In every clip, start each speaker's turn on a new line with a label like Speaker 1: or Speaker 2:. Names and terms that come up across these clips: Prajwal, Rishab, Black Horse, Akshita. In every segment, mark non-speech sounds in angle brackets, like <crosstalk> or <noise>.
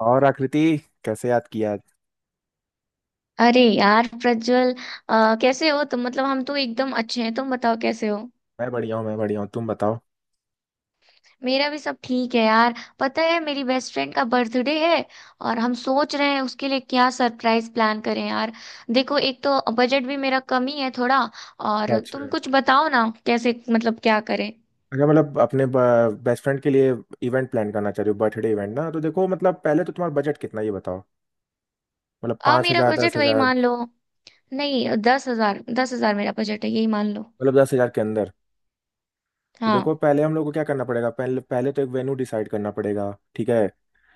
Speaker 1: और आकृति कैसे याद किया आज?
Speaker 2: अरे यार प्रज्वल। कैसे हो तुम? मतलब हम तो एकदम अच्छे हैं। तुम बताओ कैसे हो।
Speaker 1: मैं बढ़िया हूँ तुम बताओ।
Speaker 2: मेरा भी सब ठीक है यार। पता है, मेरी बेस्ट फ्रेंड का बर्थडे है, और हम सोच रहे हैं उसके लिए क्या सरप्राइज प्लान करें यार। देखो, एक तो बजट भी मेरा कम ही है थोड़ा। और
Speaker 1: अच्छा,
Speaker 2: तुम कुछ बताओ ना, कैसे मतलब क्या करें।
Speaker 1: अगर मतलब अपने बेस्ट फ्रेंड के लिए इवेंट प्लान करना चाह रहे हो बर्थडे इवेंट ना, तो देखो मतलब पहले तो तुम्हारा बजट कितना है ये बताओ। मतलब
Speaker 2: आ
Speaker 1: पाँच
Speaker 2: मेरा
Speaker 1: हज़ार दस
Speaker 2: बजट वही
Speaker 1: हज़ार
Speaker 2: मान लो। नहीं, 10,000, 10,000 मेरा बजट है, यही मान लो।
Speaker 1: मतलब दस हज़ार के अंदर। तो देखो
Speaker 2: हाँ
Speaker 1: पहले हम लोग को क्या करना पड़ेगा, पहले पहले तो एक वेन्यू डिसाइड करना पड़ेगा। ठीक है।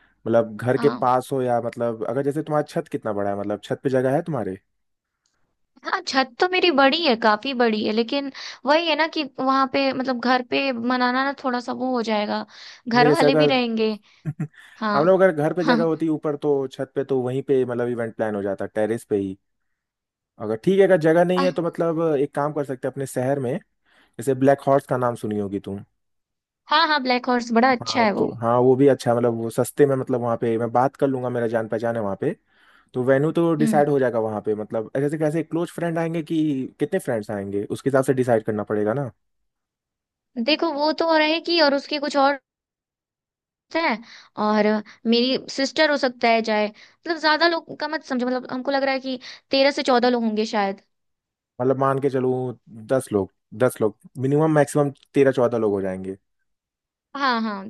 Speaker 1: मतलब घर के
Speaker 2: हाँ।
Speaker 1: पास हो या मतलब अगर जैसे तुम्हारा छत कितना बड़ा है, मतलब छत पे जगह है तुम्हारे?
Speaker 2: हाँ, छत तो मेरी बड़ी है, काफी बड़ी है, लेकिन वही है ना कि वहां पे मतलब घर पे मनाना ना, थोड़ा सा वो हो जाएगा।
Speaker 1: नहीं
Speaker 2: घर
Speaker 1: जैसे
Speaker 2: वाले भी
Speaker 1: अगर
Speaker 2: रहेंगे।
Speaker 1: <laughs>
Speaker 2: हाँ।
Speaker 1: हम लोग अगर घर पे
Speaker 2: <laughs>
Speaker 1: जगह
Speaker 2: हाँ।
Speaker 1: होती ऊपर तो छत पे तो वहीं पे मतलब इवेंट प्लान हो जाता टेरेस पे ही। अगर ठीक है, अगर जगह नहीं है
Speaker 2: आह,
Speaker 1: तो मतलब एक काम कर सकते हैं अपने शहर में। जैसे ब्लैक हॉर्स का नाम सुनी होगी तुम।
Speaker 2: हाँ हाँ, ब्लैक हॉर्स बड़ा अच्छा
Speaker 1: हाँ
Speaker 2: है वो।
Speaker 1: तो हाँ वो भी अच्छा, मतलब वो सस्ते में, मतलब वहाँ पे मैं बात कर लूंगा, मेरा जान पहचान है वहाँ पे। तो वेन्यू तो
Speaker 2: हम्म
Speaker 1: डिसाइड हो जाएगा वहाँ पे। मतलब जैसे कैसे क्लोज फ्रेंड आएंगे, कि कितने फ्रेंड्स आएंगे उसके हिसाब से डिसाइड करना पड़ेगा ना।
Speaker 2: देखो, वो तो रहेगी और उसके कुछ और है, और मेरी सिस्टर हो सकता है जाए। मतलब ज्यादा लोग का मत समझो, मतलब हमको लग रहा है कि 13 से 14 लोग होंगे शायद।
Speaker 1: मतलब मान के चलूँ 10 लोग। 10 लोग मिनिमम, मैक्सिमम 13-14 लोग हो जाएंगे।
Speaker 2: हाँ, हाँ,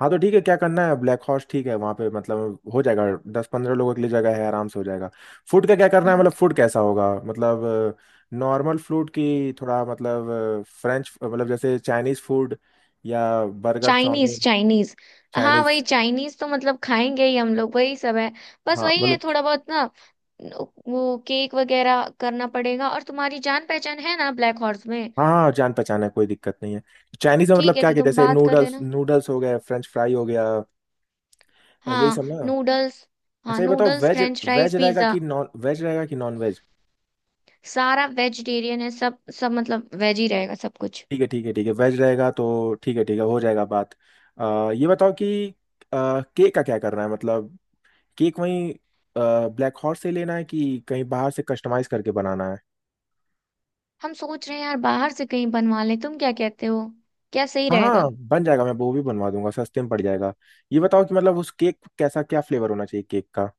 Speaker 1: हाँ तो ठीक है, क्या करना है, ब्लैक हॉर्स ठीक है, वहाँ पे मतलब हो जाएगा। 10-15 लोगों के लिए जगह है, आराम से हो जाएगा। फूड का क्या करना है, मतलब
Speaker 2: हाँ।
Speaker 1: फूड कैसा होगा, मतलब नॉर्मल फूड की थोड़ा, मतलब फ्रेंच, मतलब जैसे चाइनीज फूड या बर्गर
Speaker 2: चाइनीज,
Speaker 1: चाउमीन।
Speaker 2: चाइनीज। हाँ, वही
Speaker 1: चाइनीज।
Speaker 2: चाइनीज तो मतलब खाएंगे ही हम लोग, वही सब है। बस
Speaker 1: हाँ
Speaker 2: वही है
Speaker 1: मतलब।
Speaker 2: थोड़ा बहुत ना। वो केक वगैरह करना पड़ेगा, और तुम्हारी जान पहचान है ना ब्लैक हॉर्स में।
Speaker 1: हाँ हाँ हाँ, जान पहचान है, कोई दिक्कत नहीं है। चाइनीज में मतलब
Speaker 2: ठीक है,
Speaker 1: क्या
Speaker 2: तो
Speaker 1: कि
Speaker 2: तुम
Speaker 1: जैसे
Speaker 2: बात कर
Speaker 1: नूडल्स
Speaker 2: लेना।
Speaker 1: नूडल्स हो गए, फ्रेंच फ्राई हो गया। यही सब
Speaker 2: हाँ,
Speaker 1: ना।
Speaker 2: नूडल्स। हाँ,
Speaker 1: अच्छा ये बताओ,
Speaker 2: noodles,
Speaker 1: veg
Speaker 2: French fries,
Speaker 1: veg रहेगा
Speaker 2: पिज्जा।
Speaker 1: कि नॉन वेज रहेगा कि नॉन वेज?
Speaker 2: सारा वेजिटेरियन है, सब सब मतलब वेज ही रहेगा सब कुछ।
Speaker 1: ठीक है ठीक है ठीक है, वेज रहेगा तो ठीक है ठीक है, हो जाएगा बात। ये बताओ कि अ, केक का क्या करना है, मतलब केक वहीं ब्लैक हॉर्स से लेना है कि कहीं बाहर से कस्टमाइज करके बनाना है?
Speaker 2: हम सोच रहे हैं यार, बाहर से कहीं बनवा लें। तुम क्या कहते हो, क्या सही
Speaker 1: हाँ हाँ
Speaker 2: रहेगा?
Speaker 1: बन जाएगा, मैं वो भी बनवा दूंगा, सस्ते में पड़ जाएगा। ये बताओ कि मतलब उस केक कैसा, क्या फ्लेवर होना चाहिए केक का,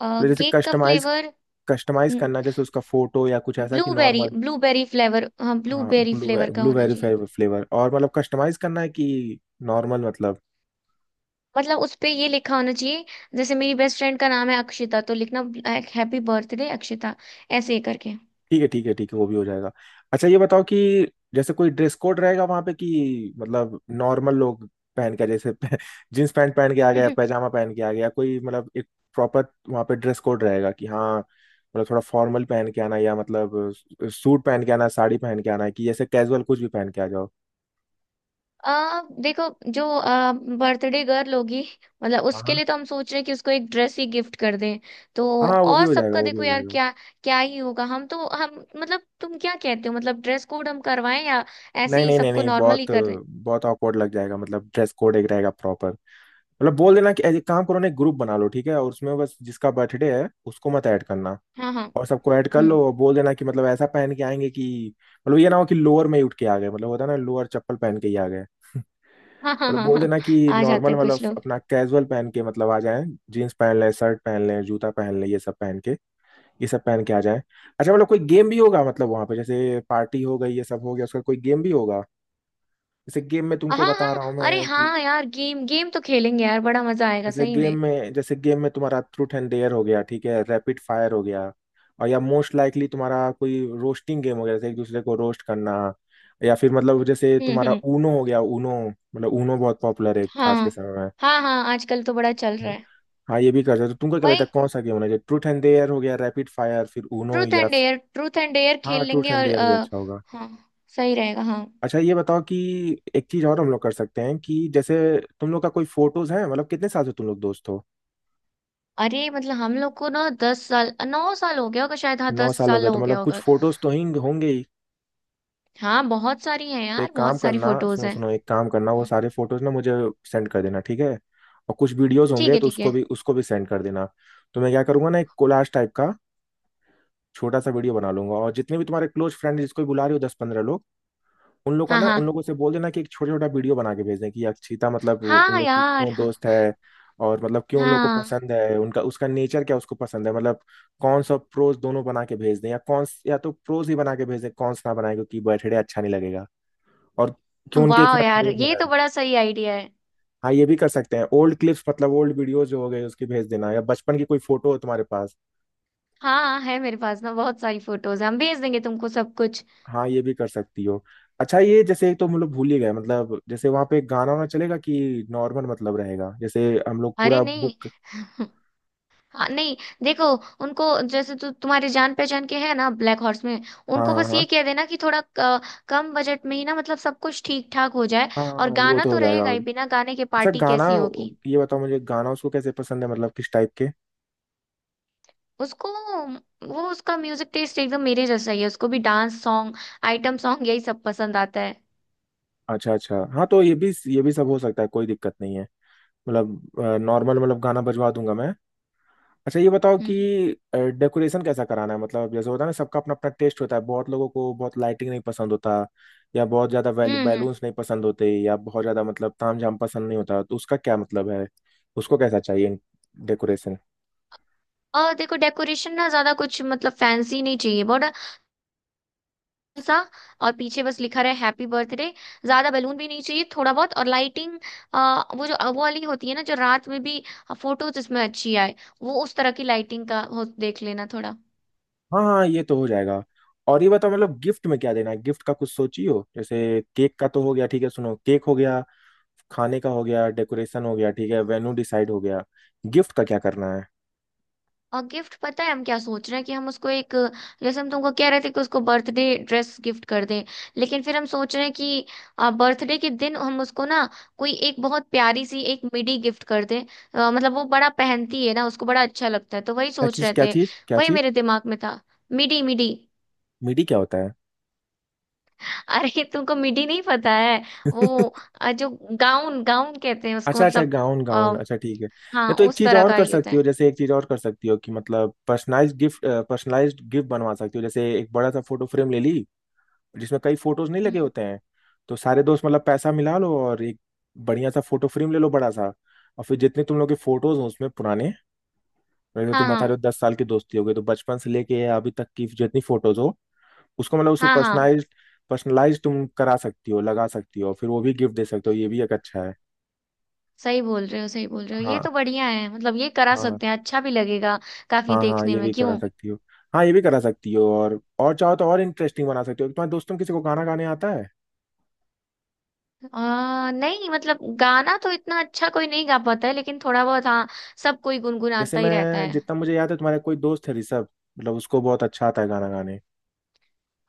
Speaker 2: अ,
Speaker 1: मतलब जैसे
Speaker 2: केक का
Speaker 1: कस्टमाइज,
Speaker 2: फ्लेवर।
Speaker 1: कस्टमाइज
Speaker 2: हम्म,
Speaker 1: करना है, जैसे उसका फोटो या कुछ ऐसा कि
Speaker 2: ब्लूबेरी,
Speaker 1: नॉर्मल?
Speaker 2: Blueberry flavour. हाँ,
Speaker 1: हाँ
Speaker 2: ब्लूबेरी फ्लेवर का होना
Speaker 1: ब्लूबेरी
Speaker 2: चाहिए।
Speaker 1: फ्लेवर, और मतलब कस्टमाइज करना है कि नॉर्मल मतलब?
Speaker 2: मतलब उस पे ये लिखा होना चाहिए। जैसे मेरी बेस्ट फ्रेंड का नाम है अक्षिता, तो लिखना हैप्पी बर्थडे अक्षिता, ऐसे ही करके।
Speaker 1: ठीक है ठीक है ठीक है, वो भी हो जाएगा। अच्छा ये बताओ कि जैसे कोई ड्रेस कोड रहेगा वहां पे, कि मतलब नॉर्मल लोग पहन के जैसे <laughs> जींस पैंट पहन के आ गया,
Speaker 2: <laughs>
Speaker 1: पैजामा पहन के आ गया कोई, मतलब एक प्रॉपर वहां पे ड्रेस कोड रहेगा कि, हाँ मतलब थोड़ा फॉर्मल पहन के आना या मतलब सूट पहन के आना, साड़ी पहन के आना है कि जैसे कैजुअल कुछ भी पहन के आ जाओ?
Speaker 2: देखो, जो बर्थडे गर्ल होगी, मतलब
Speaker 1: हाँ
Speaker 2: उसके
Speaker 1: हाँ
Speaker 2: लिए तो हम सोच रहे हैं कि उसको एक ड्रेस ही गिफ्ट कर दें तो।
Speaker 1: हाँ, वो भी
Speaker 2: और
Speaker 1: हो जाएगा,
Speaker 2: सबका
Speaker 1: वो भी
Speaker 2: देखो
Speaker 1: हो
Speaker 2: यार,
Speaker 1: जाएगा।
Speaker 2: क्या क्या ही होगा। हम मतलब, तुम क्या कहते हो, मतलब ड्रेस कोड हम करवाएं या ऐसे
Speaker 1: नहीं
Speaker 2: ही
Speaker 1: नहीं नहीं
Speaker 2: सबको
Speaker 1: नहीं,
Speaker 2: नॉर्मल ही
Speaker 1: बहुत
Speaker 2: कर दें?
Speaker 1: बहुत awkward लग जाएगा, मतलब ड्रेस कोड एक रहेगा प्रॉपर। मतलब बोल देना कि एक काम करो ना, एक ग्रुप बना लो ठीक है, और उसमें बस जिसका बर्थडे है उसको मत ऐड करना,
Speaker 2: हाँ हाँ।
Speaker 1: और सबको ऐड कर
Speaker 2: हम्म।
Speaker 1: लो, और बोल देना कि मतलब ऐसा पहन के आएंगे कि, मतलब ये ना हो कि लोअर में ही उठ के आ गए, मतलब होता है ना, लोअर चप्पल पहन के ही आ गए।
Speaker 2: हाँ, हाँ,
Speaker 1: मतलब
Speaker 2: हाँ,
Speaker 1: बोल
Speaker 2: हाँ,
Speaker 1: देना कि
Speaker 2: आ जाते
Speaker 1: नॉर्मल,
Speaker 2: हैं
Speaker 1: मतलब
Speaker 2: कुछ लोग।
Speaker 1: अपना कैजुअल पहन के मतलब आ जाएं, जीन्स पहन लें, शर्ट पहन लें, जूता पहन लें, ये सब पहन के आ जाएं। अच्छा, मतलब कोई गेम भी होगा, मतलब वहां पे जैसे पार्टी हो गई, ये सब हो गया, उसका कोई गेम भी होगा? जैसे गेम में
Speaker 2: हाँ
Speaker 1: तुमको बता
Speaker 2: हाँ।
Speaker 1: रहा हूँ
Speaker 2: अरे
Speaker 1: मैं कि
Speaker 2: हाँ यार, गेम गेम तो खेलेंगे यार, बड़ा मजा आएगा सही में।
Speaker 1: जैसे गेम में तुम्हारा ट्रूथ एंड डेयर हो गया ठीक है, रैपिड फायर हो गया, और या मोस्ट लाइकली तुम्हारा कोई रोस्टिंग गेम हो गया, जैसे एक दूसरे को रोस्ट करना, या फिर मतलब जैसे
Speaker 2: हम्म,
Speaker 1: तुम्हारा
Speaker 2: हम्म।
Speaker 1: ऊनो हो गया, ऊनो। मतलब ऊनो बहुत पॉपुलर है
Speaker 2: हाँ।
Speaker 1: आज के समय
Speaker 2: हाँ हाँ, आजकल तो बड़ा चल
Speaker 1: में।
Speaker 2: रहा है।
Speaker 1: हाँ ये भी कर सकते हो। तुमको क्या लगता
Speaker 2: वही
Speaker 1: है कौन सा गेम होना चाहिए, ट्रूथ एंड डेयर हो गया, रैपिड फायर, फिर ऊनो,
Speaker 2: ट्रूथ
Speaker 1: या?
Speaker 2: And dare, truth and dare खेल
Speaker 1: हाँ ट्रूथ
Speaker 2: लेंगे,
Speaker 1: एंड
Speaker 2: और
Speaker 1: डेयर भी
Speaker 2: आ,
Speaker 1: अच्छा होगा।
Speaker 2: हाँ, सही रहेगा, हाँ।
Speaker 1: अच्छा ये बताओ कि एक चीज और हम लोग कर सकते हैं कि जैसे, तुम लोग का कोई फोटोज है, मतलब कितने साल से तुम लोग दोस्त हो?
Speaker 2: अरे मतलब हम लोग को ना, 10 साल, 9 साल हो गया होगा शायद। हाँ,
Speaker 1: नौ
Speaker 2: दस
Speaker 1: साल हो
Speaker 2: साल
Speaker 1: गए तो
Speaker 2: हो गया
Speaker 1: मतलब कुछ
Speaker 2: होगा।
Speaker 1: फोटोज तो हिंग होंगे ही।
Speaker 2: हाँ, बहुत सारी हैं
Speaker 1: तो एक
Speaker 2: यार, बहुत
Speaker 1: काम
Speaker 2: सारी
Speaker 1: करना,
Speaker 2: फोटोज
Speaker 1: सुनो
Speaker 2: हैं।
Speaker 1: सुनो एक काम करना, वो
Speaker 2: हम्म।
Speaker 1: सारे फोटोज ना मुझे सेंड कर देना ठीक है, और कुछ वीडियोज
Speaker 2: ठीक
Speaker 1: होंगे
Speaker 2: है,
Speaker 1: तो
Speaker 2: ठीक
Speaker 1: उसको
Speaker 2: है।
Speaker 1: भी उसको भी सेंड कर देना। तो मैं क्या करूंगा ना, एक कोलाज टाइप का छोटा सा वीडियो बना लूंगा, और जितने भी तुम्हारे क्लोज फ्रेंड जिसको भी बुला रहे हो, 10-15 लोग, उन लोग का
Speaker 2: हाँ,
Speaker 1: ना, उन
Speaker 2: हाँ।
Speaker 1: लोगों से बोल देना कि एक छोटा छोटा वीडियो बना के भेजें कि अक्षिता मतलब उन
Speaker 2: हाँ
Speaker 1: लोग की
Speaker 2: यार।
Speaker 1: क्यों दोस्त है, और मतलब क्यों उन लोग को
Speaker 2: हाँ।
Speaker 1: पसंद है, उनका, उसका नेचर क्या उसको पसंद है, मतलब कौन सा प्रोज दोनों बना के भेज दें, या कौन, या तो प्रोज ही बना के भेज दें, कौन ना बनाए क्योंकि बर्थडे अच्छा नहीं लगेगा, और क्यों उनके
Speaker 2: वाह
Speaker 1: इतना
Speaker 2: यार,
Speaker 1: क्लोज
Speaker 2: ये
Speaker 1: है।
Speaker 2: तो बड़ा सही आइडिया है।
Speaker 1: हाँ ये भी कर सकते हैं, ओल्ड क्लिप्स, मतलब ओल्ड वीडियो जो हो गए उसकी भेज देना, या बचपन की कोई फोटो हो तुम्हारे पास।
Speaker 2: हाँ, है मेरे पास ना बहुत सारी फोटोज, हम भेज देंगे तुमको सब कुछ।
Speaker 1: हाँ ये भी कर सकती हो। अच्छा ये, जैसे एक तो हम लोग भूल ही गए, मतलब जैसे वहां पे गाना वाना चलेगा कि नॉर्मल मतलब रहेगा, जैसे हम लोग
Speaker 2: अरे
Speaker 1: पूरा
Speaker 2: नहीं।
Speaker 1: बुक।
Speaker 2: <laughs> हाँ नहीं। देखो उनको, जैसे तुम्हारे जान पहचान के है ना ब्लैक हॉर्स में।
Speaker 1: हाँ
Speaker 2: उनको बस ये
Speaker 1: हाँ
Speaker 2: कह देना कि थोड़ा कम बजट में ही ना, मतलब सब कुछ ठीक ठाक हो जाए।
Speaker 1: हाँ
Speaker 2: और
Speaker 1: हाँ, वो
Speaker 2: गाना
Speaker 1: तो हो
Speaker 2: तो
Speaker 1: जाएगा
Speaker 2: रहेगा
Speaker 1: और
Speaker 2: ही, बिना गाने के
Speaker 1: अच्छा,
Speaker 2: पार्टी
Speaker 1: गाना।
Speaker 2: कैसी होगी?
Speaker 1: ये बताओ मुझे गाना उसको कैसे पसंद है, मतलब किस टाइप के?
Speaker 2: उसको वो उसका म्यूजिक टेस्ट एकदम मेरे जैसा ही है, उसको भी डांस सॉन्ग, आइटम सॉन्ग, यही सब पसंद आता है।
Speaker 1: अच्छा अच्छा हाँ, तो ये भी सब हो सकता है, कोई दिक्कत नहीं है, मतलब नॉर्मल, मतलब गाना बजवा दूंगा मैं। अच्छा ये बताओ कि
Speaker 2: हम्म,
Speaker 1: डेकोरेशन कैसा कराना है, मतलब जैसे होता है ना, सबका अपना अपना टेस्ट होता है, बहुत लोगों को बहुत लाइटिंग नहीं पसंद होता, या बहुत ज्यादा
Speaker 2: हम्म,
Speaker 1: बैलून्स नहीं पसंद होते, या बहुत ज्यादा मतलब तामझाम पसंद नहीं होता, तो उसका क्या मतलब है, उसको कैसा चाहिए डेकोरेशन?
Speaker 2: और देखो डेकोरेशन ना, ज्यादा कुछ मतलब फैंसी नहीं चाहिए बहुत सा। और पीछे बस लिखा रहे हैप्पी बर्थडे। ज्यादा बैलून भी नहीं चाहिए, थोड़ा बहुत। और लाइटिंग, वो जो वो वाली होती है ना जो रात में भी फोटोज इसमें अच्छी आए, वो उस तरह की लाइटिंग का हो, देख लेना थोड़ा।
Speaker 1: हाँ हाँ ये तो हो जाएगा। और ये बताओ मतलब गिफ्ट में क्या देना है, गिफ्ट का कुछ सोची हो? जैसे केक का तो हो गया ठीक है, सुनो, केक हो गया, खाने का हो गया, डेकोरेशन हो गया ठीक है, वेन्यू डिसाइड हो गया, गिफ्ट का क्या करना है?
Speaker 2: और गिफ्ट, पता है हम क्या सोच रहे हैं कि हम उसको एक, जैसे हम तुमको कह रहे थे कि उसको बर्थडे ड्रेस गिफ्ट कर दें, लेकिन फिर हम सोच रहे हैं कि बर्थडे के दिन हम उसको ना कोई एक बहुत प्यारी सी एक मिडी गिफ्ट कर दें। मतलब वो बड़ा पहनती है ना, उसको बड़ा अच्छा लगता है, तो वही सोच रहे थे।
Speaker 1: क्या
Speaker 2: वही
Speaker 1: चीज?
Speaker 2: मेरे दिमाग में था। मिडी, मिडी।
Speaker 1: मीडी क्या होता
Speaker 2: <laughs> अरे तुमको मिडी नहीं पता है? वो
Speaker 1: है <laughs>
Speaker 2: जो गाउन, गाउन कहते हैं उसको,
Speaker 1: अच्छा अच्छा,
Speaker 2: मतलब।
Speaker 1: गाउन गाउन,
Speaker 2: आ,
Speaker 1: अच्छा ठीक है। या
Speaker 2: हाँ,
Speaker 1: तो एक
Speaker 2: उस
Speaker 1: चीज
Speaker 2: तरह
Speaker 1: और
Speaker 2: का
Speaker 1: कर
Speaker 2: ही होता
Speaker 1: सकती
Speaker 2: है।
Speaker 1: हो, जैसे एक चीज और कर सकती हो कि मतलब पर्सनलाइज्ड गिफ्ट बनवा सकती हो, जैसे एक बड़ा सा फोटो फ्रेम ले ली, जिसमें कई फोटोज नहीं लगे
Speaker 2: हम्म।
Speaker 1: होते हैं, तो सारे दोस्त मतलब पैसा मिला लो और एक बढ़िया सा फोटो फ्रेम ले लो बड़ा सा, और फिर जितने तुम लोग के फोटोज हो उसमें पुराने, जैसे
Speaker 2: हाँ,
Speaker 1: तुम बता रहे
Speaker 2: हाँ,
Speaker 1: हो 10 साल की दोस्ती हो गई, तो बचपन से लेके अभी तक की जितनी फोटोज हो उसको मतलब उसमें
Speaker 2: हाँ, हाँ।
Speaker 1: पर्सनलाइज पर्सनलाइज तुम करा सकती हो, लगा सकती हो, फिर वो भी गिफ्ट दे सकते हो, ये भी एक अच्छा है।
Speaker 2: सही बोल रहे हो, सही बोल रहे हो, ये
Speaker 1: हाँ
Speaker 2: तो बढ़िया है, मतलब ये करा
Speaker 1: हाँ
Speaker 2: सकते हैं, अच्छा भी लगेगा। काफी
Speaker 1: हाँ हाँ,
Speaker 2: देखने में, क्यों।
Speaker 1: ये भी करा सकती हो, और चाहो तो और इंटरेस्टिंग बना सकती हो। तुम्हारे दोस्तों में किसी को गाना गाने आता है?
Speaker 2: नहीं, मतलब गाना तो इतना अच्छा कोई नहीं गा पाता है, लेकिन थोड़ा बहुत, हाँ। सब कोई
Speaker 1: जैसे
Speaker 2: गुनगुनाता ही रहता
Speaker 1: मैं,
Speaker 2: है।
Speaker 1: जितना मुझे याद है, तुम्हारा कोई दोस्त है ऋषभ, मतलब उसको बहुत अच्छा आता है गाना गाने।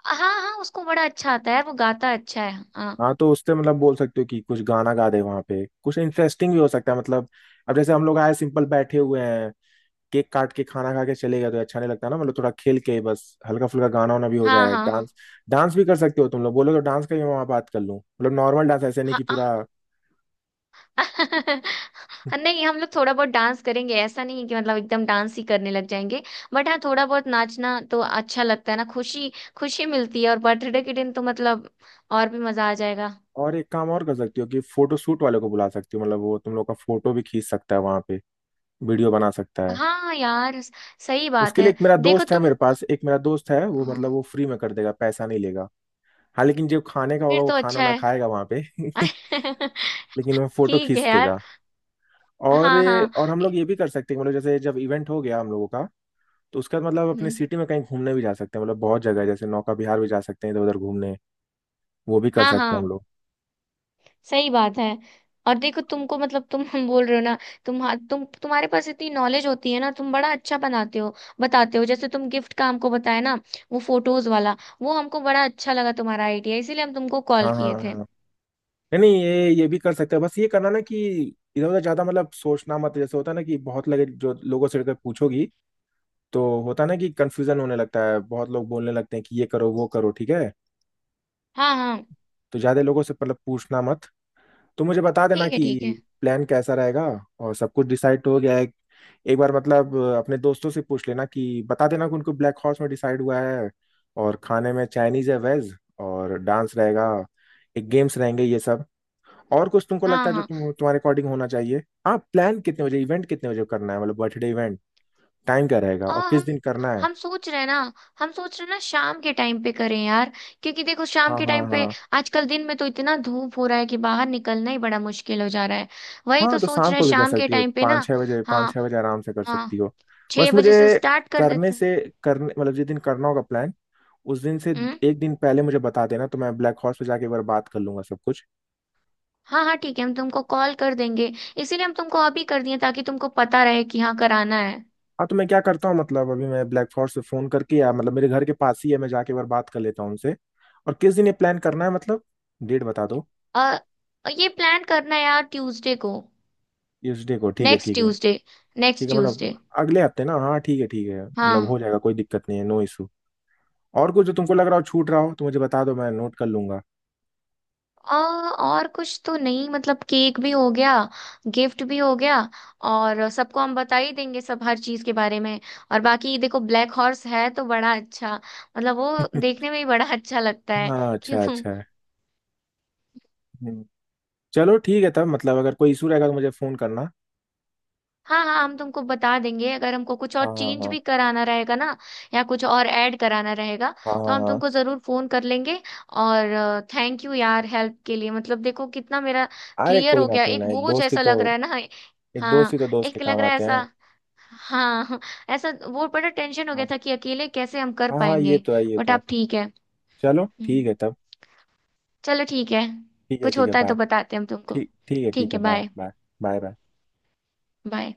Speaker 2: हाँ हाँ, उसको बड़ा अच्छा आता है, वो गाता अच्छा है, हाँ।
Speaker 1: हाँ तो उससे मतलब बोल सकते हो कि कुछ गाना गा दे वहाँ पे, कुछ इंटरेस्टिंग भी हो सकता है। मतलब अब जैसे हम लोग आए, सिंपल बैठे हुए हैं, केक काट के खाना खा के चले गए, तो अच्छा नहीं लगता ना, मतलब थोड़ा खेल के, बस हल्का फुल्का गाना वाना भी हो
Speaker 2: हाँ,
Speaker 1: जाए,
Speaker 2: हाँ,
Speaker 1: डांस। डांस भी कर सकते हो तुम लोग, बोलो तो डांस का भी मैं वहाँ बात कर लूँ, मतलब नॉर्मल डांस, ऐसे नहीं
Speaker 2: हाँ,
Speaker 1: कि
Speaker 2: हाँ,
Speaker 1: पूरा।
Speaker 2: हाँ, <laughs> नहीं, हम लोग थोड़ा बहुत डांस करेंगे, ऐसा नहीं है कि मतलब एकदम डांस ही करने लग जाएंगे। बट हाँ, थोड़ा बहुत नाचना तो अच्छा लगता है ना, खुशी खुशी मिलती है, और बर्थडे के दिन तो मतलब और भी मजा आ जाएगा।
Speaker 1: और एक काम और कर सकती हो कि फोटो शूट वाले को बुला सकती हो, मतलब वो तुम लोग का फोटो भी खींच सकता है वहां पे, वीडियो बना सकता है।
Speaker 2: हाँ यार, सही बात
Speaker 1: उसके लिए
Speaker 2: है।
Speaker 1: एक मेरा
Speaker 2: देखो
Speaker 1: दोस्त है,
Speaker 2: तुम।
Speaker 1: वो
Speaker 2: हाँ।
Speaker 1: मतलब वो फ्री में कर देगा, पैसा नहीं लेगा। हाँ लेकिन जो खाने का
Speaker 2: फिर
Speaker 1: होगा वो
Speaker 2: तो
Speaker 1: खाना
Speaker 2: अच्छा
Speaker 1: ना
Speaker 2: है।
Speaker 1: खाएगा वहां पे <laughs>
Speaker 2: <laughs>
Speaker 1: लेकिन वो फोटो
Speaker 2: ठीक है
Speaker 1: खींच
Speaker 2: यार।
Speaker 1: देगा। और
Speaker 2: हाँ, हाँ।
Speaker 1: और हम लोग ये भी कर सकते हैं, मतलब जैसे जब इवेंट हो गया हम लोगों का, तो उसके बाद मतलब अपने
Speaker 2: हम्म।
Speaker 1: सिटी में कहीं घूमने भी जा सकते हैं, मतलब बहुत जगह है, जैसे नौका विहार भी जा सकते हैं, इधर उधर घूमने, वो भी कर
Speaker 2: हाँ
Speaker 1: सकते हैं हम
Speaker 2: हाँ,
Speaker 1: लोग।
Speaker 2: सही बात है। और देखो तुमको, मतलब तुम, <laughs> हम बोल रहे हो ना, तुम तुम्हारे पास इतनी नॉलेज होती है ना, तुम बड़ा अच्छा बनाते हो, बताते हो। जैसे तुम गिफ्ट का हमको बताया ना, वो फोटोज वाला, वो हमको बड़ा अच्छा लगा तुम्हारा आइडिया, इसीलिए हम तुमको कॉल
Speaker 1: हाँ हाँ
Speaker 2: किए
Speaker 1: हाँ,
Speaker 2: थे।
Speaker 1: हाँ। नहीं नहीं, ये भी कर सकते हैं, बस ये करना ना कि इधर उधर ज्यादा मतलब सोचना मत, जैसे होता है ना कि बहुत लगे, जो लोगों से अगर पूछोगी तो होता है ना कि कंफ्यूजन होने लगता है, बहुत लोग बोलने लगते हैं कि ये करो वो करो ठीक है,
Speaker 2: हाँ हाँ,
Speaker 1: तो ज्यादा लोगों से मतलब पूछना मत। तो मुझे बता देना
Speaker 2: ठीक है,
Speaker 1: कि
Speaker 2: ठीक है।
Speaker 1: प्लान कैसा रहेगा और सब कुछ डिसाइड हो गया है, एक बार मतलब अपने दोस्तों से पूछ लेना कि बता देना कि उनको ब्लैक हॉर्स में डिसाइड हुआ है, और खाने में चाइनीज है, वेज, और डांस रहेगा, एक गेम्स रहेंगे ये सब, और कुछ तुमको
Speaker 2: हाँ
Speaker 1: लगता है जो
Speaker 2: हाँ।
Speaker 1: तुम्हारे अकॉर्डिंग होना चाहिए? हाँ, प्लान कितने बजे, इवेंट कितने बजे करना है, मतलब बर्थडे इवेंट टाइम क्या रहेगा और
Speaker 2: और
Speaker 1: किस
Speaker 2: हम
Speaker 1: दिन करना है?
Speaker 2: हम सोच रहे हैं ना, हम सोच रहे हैं ना शाम के टाइम पे करें यार। क्योंकि देखो, शाम
Speaker 1: हाँ
Speaker 2: के
Speaker 1: हाँ
Speaker 2: टाइम पे
Speaker 1: हाँ,
Speaker 2: आजकल दिन में तो इतना धूप हो रहा है कि बाहर निकलना ही बड़ा मुश्किल हो जा रहा है। वही
Speaker 1: हाँ
Speaker 2: तो
Speaker 1: तो
Speaker 2: सोच
Speaker 1: शाम
Speaker 2: रहे हैं
Speaker 1: को भी कर
Speaker 2: शाम के
Speaker 1: सकती हो,
Speaker 2: टाइम पे ना।
Speaker 1: पाँच
Speaker 2: हाँ।
Speaker 1: छः बजे आराम से कर
Speaker 2: हाँ,
Speaker 1: सकती हो।
Speaker 2: छह
Speaker 1: बस मुझे,
Speaker 2: बजे से स्टार्ट कर
Speaker 1: करने
Speaker 2: देते हैं।
Speaker 1: से करने मतलब जिस दिन करना होगा प्लान, उस दिन से
Speaker 2: हम्म
Speaker 1: एक दिन पहले मुझे बता देना तो मैं ब्लैक हॉर्स पे जाके एक बार बात कर लूंगा सब कुछ।
Speaker 2: हाँ, हाँ ठीक है, हम तुमको कॉल कर देंगे। इसीलिए हम तुमको अभी कर दिए, ताकि तुमको पता रहे कि हाँ कराना है।
Speaker 1: हाँ तो मैं क्या करता हूँ मतलब अभी, मैं ब्लैक हॉर्स से फोन करके, या मतलब मेरे घर के पास ही है, मैं जाके एक बार बात कर लेता हूँ उनसे। और किस दिन ये प्लान करना है, मतलब डेट बता दो।
Speaker 2: और और ये प्लान करना है यार ट्यूसडे को।
Speaker 1: ट्यूसडे को ठीक है
Speaker 2: नेक्स्ट
Speaker 1: ठीक है
Speaker 2: ट्यूसडे, नेक्स्ट
Speaker 1: ठीक है, मतलब
Speaker 2: ट्यूसडे।
Speaker 1: अगले हफ्ते ना, हाँ ठीक है ठीक है, मतलब
Speaker 2: हाँ।
Speaker 1: हो जाएगा, कोई दिक्कत नहीं है, नो इशू। और कुछ जो तुमको लग रहा हो छूट रहा हो तो मुझे बता दो, मैं नोट कर लूंगा।
Speaker 2: आ, और कुछ तो नहीं, मतलब केक भी हो गया, गिफ्ट भी हो गया। और सबको हम बता ही देंगे सब, हर चीज के बारे में। और बाकी देखो, ब्लैक हॉर्स है तो बड़ा अच्छा, मतलब वो देखने
Speaker 1: <laughs>
Speaker 2: में ही बड़ा अच्छा लगता है।
Speaker 1: हाँ,
Speaker 2: <laughs> क्यों।
Speaker 1: अच्छा अच्छा। हम्म, चलो ठीक है तब, मतलब अगर कोई इशू रहेगा तो मुझे फोन करना।
Speaker 2: हाँ हाँ, हम तुमको बता देंगे अगर हमको कुछ और
Speaker 1: हाँ हाँ
Speaker 2: चेंज
Speaker 1: हाँ।
Speaker 2: भी कराना रहेगा ना, या कुछ और ऐड कराना रहेगा,
Speaker 1: हाँ
Speaker 2: तो
Speaker 1: हाँ
Speaker 2: हम
Speaker 1: हाँ।
Speaker 2: तुमको जरूर फोन कर लेंगे। और थैंक यू यार, हेल्प के लिए। मतलब देखो कितना मेरा
Speaker 1: अरे
Speaker 2: क्लियर
Speaker 1: कोई
Speaker 2: हो
Speaker 1: ना,
Speaker 2: गया,
Speaker 1: कोई
Speaker 2: एक
Speaker 1: ना,
Speaker 2: बोझ ऐसा लग रहा है ना।
Speaker 1: एक दोस्त
Speaker 2: हाँ,
Speaker 1: ही तो दोस्त के
Speaker 2: एक लग
Speaker 1: काम
Speaker 2: रहा है
Speaker 1: आते
Speaker 2: ऐसा।
Speaker 1: हैं।
Speaker 2: हाँ। <laughs> ऐसा वो बड़ा टेंशन हो गया
Speaker 1: हाँ
Speaker 2: था कि अकेले कैसे हम कर
Speaker 1: हाँ हाँ, ये
Speaker 2: पाएंगे।
Speaker 1: तो है, ये
Speaker 2: बट
Speaker 1: तो है।
Speaker 2: आप ठीक है।
Speaker 1: चलो ठीक है
Speaker 2: हम्म,
Speaker 1: तब,
Speaker 2: चलो ठीक है।
Speaker 1: ठीक है
Speaker 2: कुछ
Speaker 1: ठीक है,
Speaker 2: होता है
Speaker 1: बाय।
Speaker 2: तो बताते हैं हम तुमको।
Speaker 1: ठीक ठीक
Speaker 2: ठीक
Speaker 1: है
Speaker 2: है,
Speaker 1: bye
Speaker 2: bye
Speaker 1: bye bye bye.
Speaker 2: Bye.